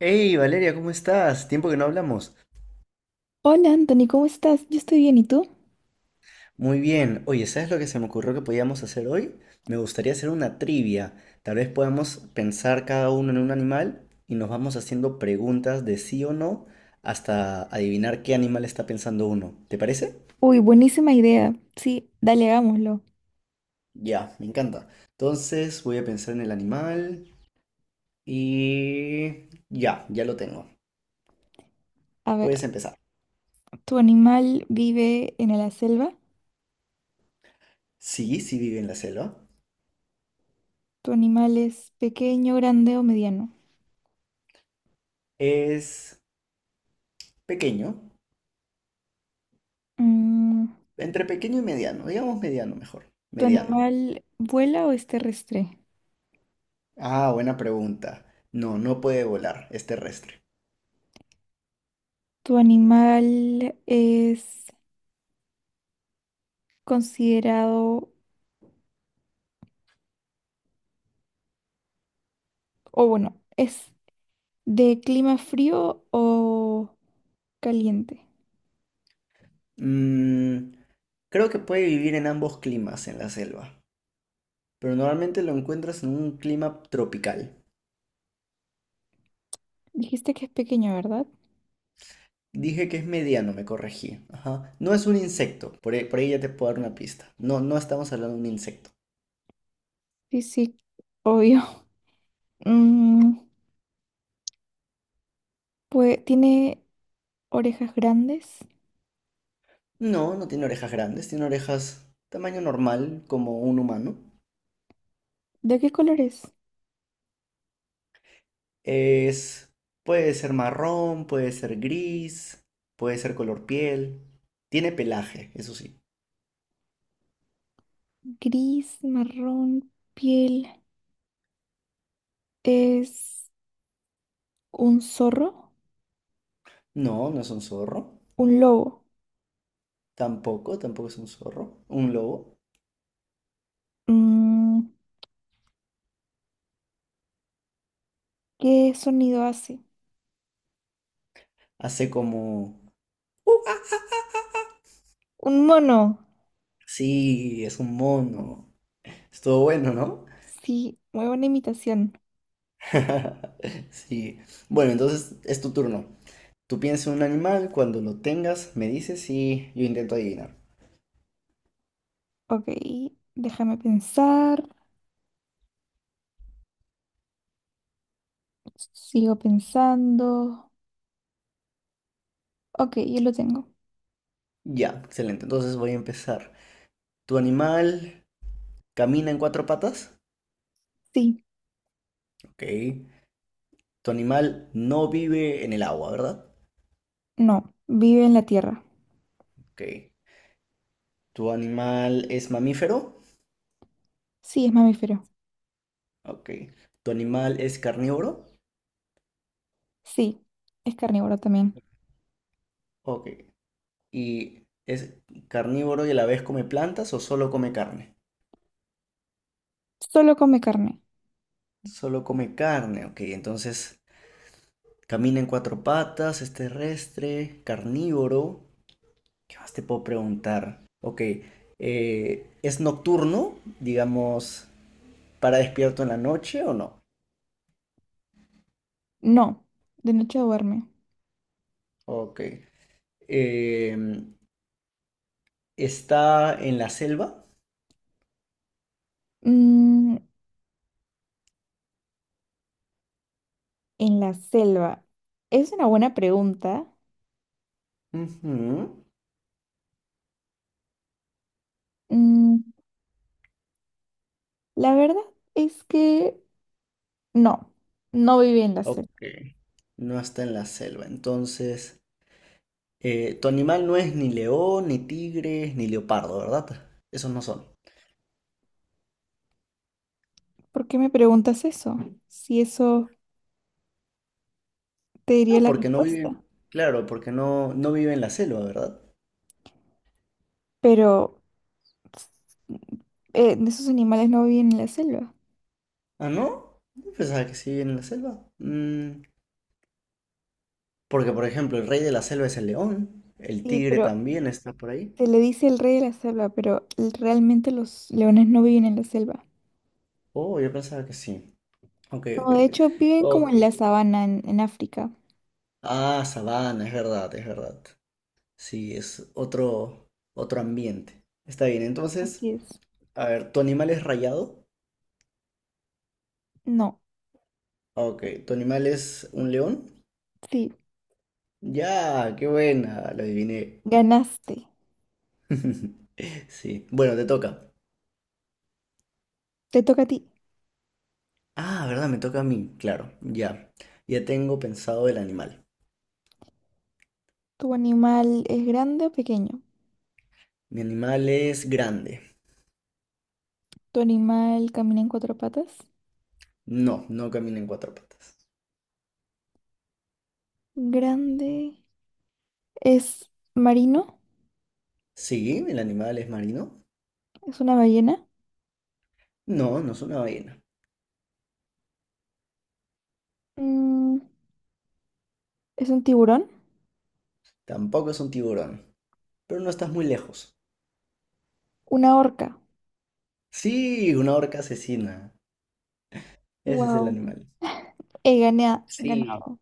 Hey Valeria, ¿cómo estás? Tiempo que no hablamos. Hola Anthony, ¿cómo estás? Yo estoy bien, ¿y tú? Muy bien. Oye, ¿sabes lo que se me ocurrió que podíamos hacer hoy? Me gustaría hacer una trivia. Tal vez podamos pensar cada uno en un animal y nos vamos haciendo preguntas de sí o no hasta adivinar qué animal está pensando uno. ¿Te parece? Uy, buenísima idea. Sí, dale, hagámoslo. Ya, me encanta. Entonces voy a pensar en el animal y... Ya, ya lo tengo. A ver, Puedes empezar. ¿tu animal vive en la selva? Sí, sí vive en la selva. ¿Tu animal es pequeño, grande o mediano? Es pequeño. Mm, Entre pequeño y mediano, digamos mediano mejor. ¿Tu Mediano. animal vuela o es terrestre? Ah, buena pregunta. No, no puede volar, es terrestre. ¿Tu animal es considerado, o bueno, es de clima frío o caliente? Mm, Creo que puede vivir en ambos climas en la selva, pero normalmente lo encuentras en un clima tropical. Dijiste que es pequeño, ¿verdad? Dije que es mediano, me corregí. Ajá. No es un insecto, por ahí ya te puedo dar una pista. No, no estamos hablando de un insecto. Sí, sí, obvio. Mm, pues tiene... Orejas grandes. No, no tiene orejas grandes, tiene orejas tamaño normal, como un humano. ¿De qué color es? Es, puede ser marrón, puede ser gris, puede ser color piel. Tiene pelaje, eso sí. Gris, marrón, piel. ¿Es un zorro? No, no es un zorro. ¿Un lobo? Tampoco es un zorro. Un lobo. Mm, ¿Qué sonido hace? Hace como... "Uh". ¿Un mono? Sí, es un mono. Estuvo bueno, ¿no? Sí, muy buena imitación. Sí. Bueno, entonces es tu turno. Tú piensas en un animal, cuando lo tengas me dices y yo intento adivinar. Ok, déjame pensar. Sigo pensando. Ok, yo lo tengo. Ya, excelente. Entonces voy a empezar. ¿Tu animal camina en cuatro patas? Sí, Ok. Tu animal no vive en el agua, ¿verdad? no, vive en la tierra. Ok. ¿Tu animal es mamífero? Sí, es mamífero. Ok. ¿Tu animal es carnívoro? Sí, es carnívoro también. Ok. ¿Y es carnívoro y a la vez come plantas o solo come carne? Solo come carne. Solo come carne, ok. Entonces, camina en cuatro patas, es terrestre, carnívoro. ¿Qué más te puedo preguntar? Ok. ¿Es nocturno? Digamos, ¿para despierto en la noche o no? No, de noche duerme. Ok. Em, ¿Está en la selva? Mm. En la selva. Es una buena pregunta. Ujú. Mm, la verdad es que no, no viví en la Ok. selva. No está en la selva. Entonces, tu animal no es ni león, ni tigre, ni leopardo, ¿verdad? Esos no son. ¿Por qué me preguntas eso? Si eso te diría Ah, la porque no respuesta. viven. Claro, porque no, no vive en la selva, ¿verdad? Pero esos animales no viven en la selva. Ah, ¿no? Yo pensaba que sí vive en la selva. Porque, por ejemplo, el rey de la selva es el león. El Sí, tigre pero también está por ahí. se le dice el rey de la selva, pero realmente los leones no viven en la selva. Oh, yo pensaba que sí. Ok, No, ok. de hecho viven como Ok. en la sabana en África. Ah, sabana, es verdad, es verdad. Sí, es otro ambiente. Está bien, entonces, Así es. a ver, ¿tu animal es rayado? No, Ah, ok, ¿tu animal es un león? sí, Ya, qué buena, lo adiviné. ganaste. Sí, bueno, te toca. Te toca a ti. Ah, ¿verdad? Me toca a mí, claro, ya. Ya tengo pensado el animal. ¿Tu animal es grande o pequeño? Mi animal es grande. ¿Tu animal camina en cuatro patas? No, no camina en cuatro patas. Grande. ¿Es marino? Sí, el animal es marino. ¿Es una ballena? No, no es una ballena. Mm, ¿Es un tiburón? Tampoco es un tiburón. Pero no estás muy lejos. ¿Una orca? Sí, una orca asesina. Ese es el Wow. animal. Sí. Ganado.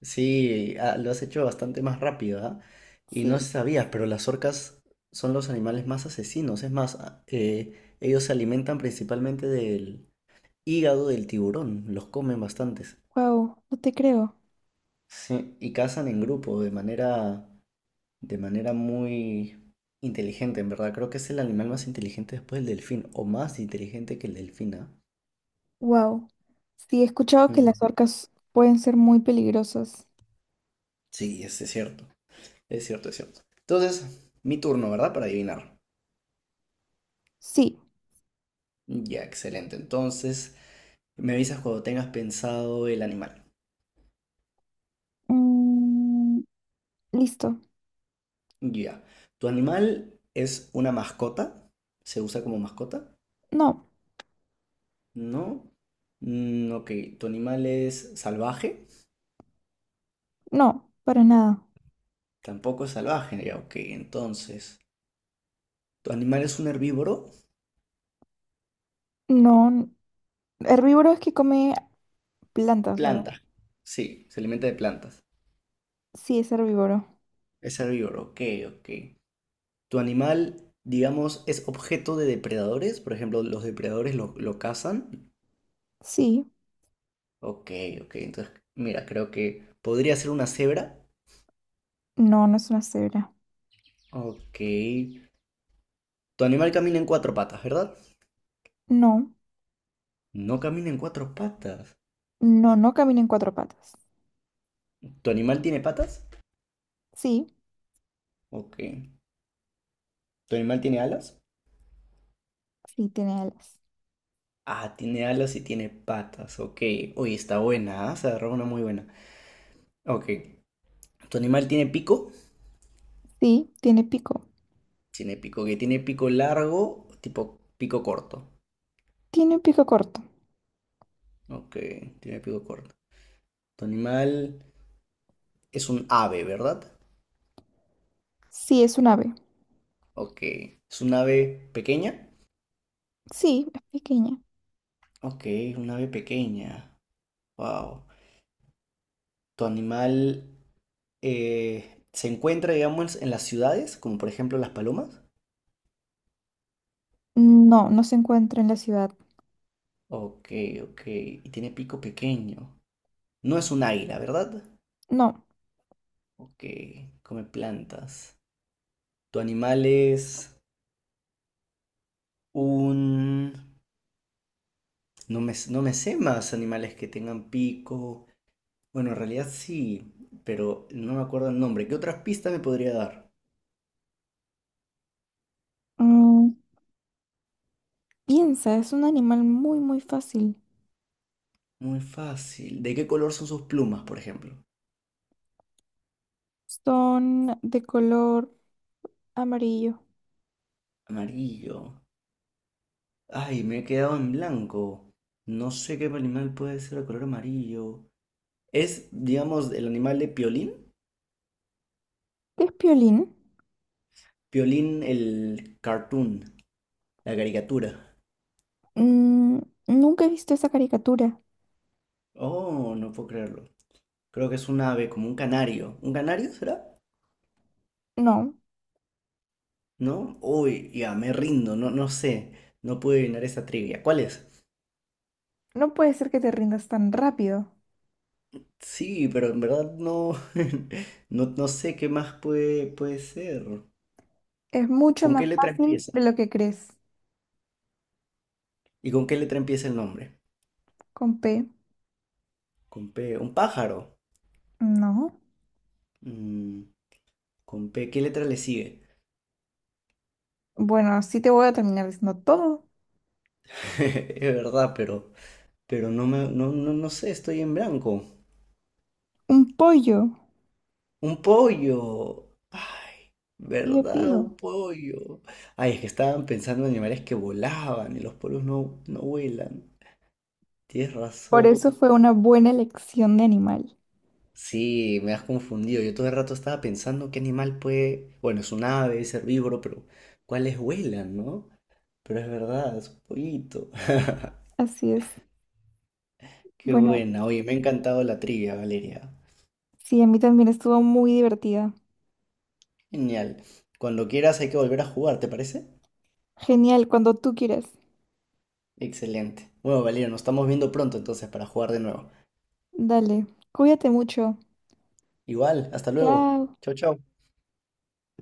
Sí, ah, lo has hecho bastante más rápido, ¿ah? Y no Sí. sabías, pero las orcas son los animales más asesinos. Es más, ellos se alimentan principalmente del hígado del tiburón, los comen bastantes. Wow. No te creo. Sí, y cazan en grupo de manera muy inteligente, en verdad. Creo que es el animal más inteligente después del delfín, o más inteligente que el delfín, ¿ah? Wow. Sí, he escuchado que las Mm, orcas pueden ser muy peligrosas. Sí, es cierto, es cierto, es cierto. Entonces, mi turno, ¿verdad? Para adivinar. Sí. Ya, excelente. Entonces, me avisas cuando tengas pensado el animal. Mm, listo. Ya. ¿Tu animal es una mascota? ¿Se usa como mascota? No, No. Ok. ¿Tu animal es salvaje? no, para nada. Tampoco es salvaje. Ya, ok. Entonces, ¿tu animal es un herbívoro? No. n- Herbívoro es que come plantas, ¿verdad? Planta. Sí, se alimenta de plantas. Sí, es herbívoro. Es herbívoro. Ok, ok. ¿Tu animal, digamos, es objeto de depredadores? Por ejemplo, los depredadores lo cazan. Sí. Ok, ok. Entonces, mira, creo que podría ser una cebra. No, no es una cebra. Ok. Tu animal camina en cuatro patas, ¿verdad? No. No camina en cuatro patas. No, no camina en cuatro patas. ¿Tu animal tiene patas? Sí. Ok. ¿Tu animal tiene alas? Sí, tiene alas. Ah, tiene alas y tiene patas. Ok. Oye, está buena, ¿ah? Se agarró una muy buena. Ok. ¿Tu animal tiene pico? Sí, tiene pico. Tiene pico. Que ¿tiene pico largo? Tipo pico corto. Tiene un pico corto. Ok. Tiene pico corto. ¿Tu animal es un ave, verdad? Sí, es un ave. Ok. ¿Es un ave pequeña? Sí, es pequeña. Ok, una ave pequeña. Wow. ¿Tu animal se encuentra, digamos, en las ciudades, como por ejemplo las palomas? No, no se encuentra en la ciudad. Ok, ok. Y tiene pico pequeño. No es un águila, ¿verdad? No. Ok, come plantas. ¿Tu animal es un... No me sé más animales que tengan pico. Bueno, en realidad sí, pero no me acuerdo el nombre. ¿Qué otras pistas me podría dar? Mm, piensa, es un animal muy, muy fácil. Muy fácil. ¿De qué color son sus plumas, por ejemplo? Son de color amarillo. Amarillo. Ay, me he quedado en blanco. No sé qué animal puede ser de color amarillo. Es, digamos, el animal de Piolín. ¿Qué es piolín? Piolín, el cartoon, la caricatura. Mm, nunca he visto esa caricatura. Oh, no puedo creerlo. Creo que es un ave, como un canario. ¿Un canario será? No, ¿No? Uy, ya, me rindo, no, no sé. No puedo adivinar esa trivia. ¿Cuál es? no puede ser que te rindas tan rápido. Sí, pero en verdad no, no, no sé qué más puede ser. Es mucho ¿Con más qué letra fácil empieza? de lo que crees. ¿Y con qué letra empieza el nombre? Con P, Con P. Un pájaro. no. Mm, con P, ¿qué letra le sigue? Bueno, sí te voy a terminar diciendo todo. Es verdad, pero no me, no, no, no sé, estoy en blanco. Un pollo. Un pollo. Ay, Pido, ¿verdad? pido. Un pollo. Ay, es que estaban pensando en animales que volaban y los pollos no, no vuelan. Tienes Por eso razón. fue una buena elección de animal. Sí, me has confundido. Yo todo el rato estaba pensando qué animal puede. Bueno, es un ave, es herbívoro, pero ¿cuáles vuelan, no? Pero es verdad, es un pollito. Así es. Qué Bueno, buena. Oye, me ha encantado la trivia, Valeria. sí, a mí también estuvo muy divertida. Genial. Cuando quieras hay que volver a jugar, ¿te parece? Genial, cuando tú quieras. Excelente. Bueno, Valeria, nos estamos viendo pronto entonces para jugar de nuevo. Dale, cuídate mucho. Igual, hasta luego. Chao. Chau, chau.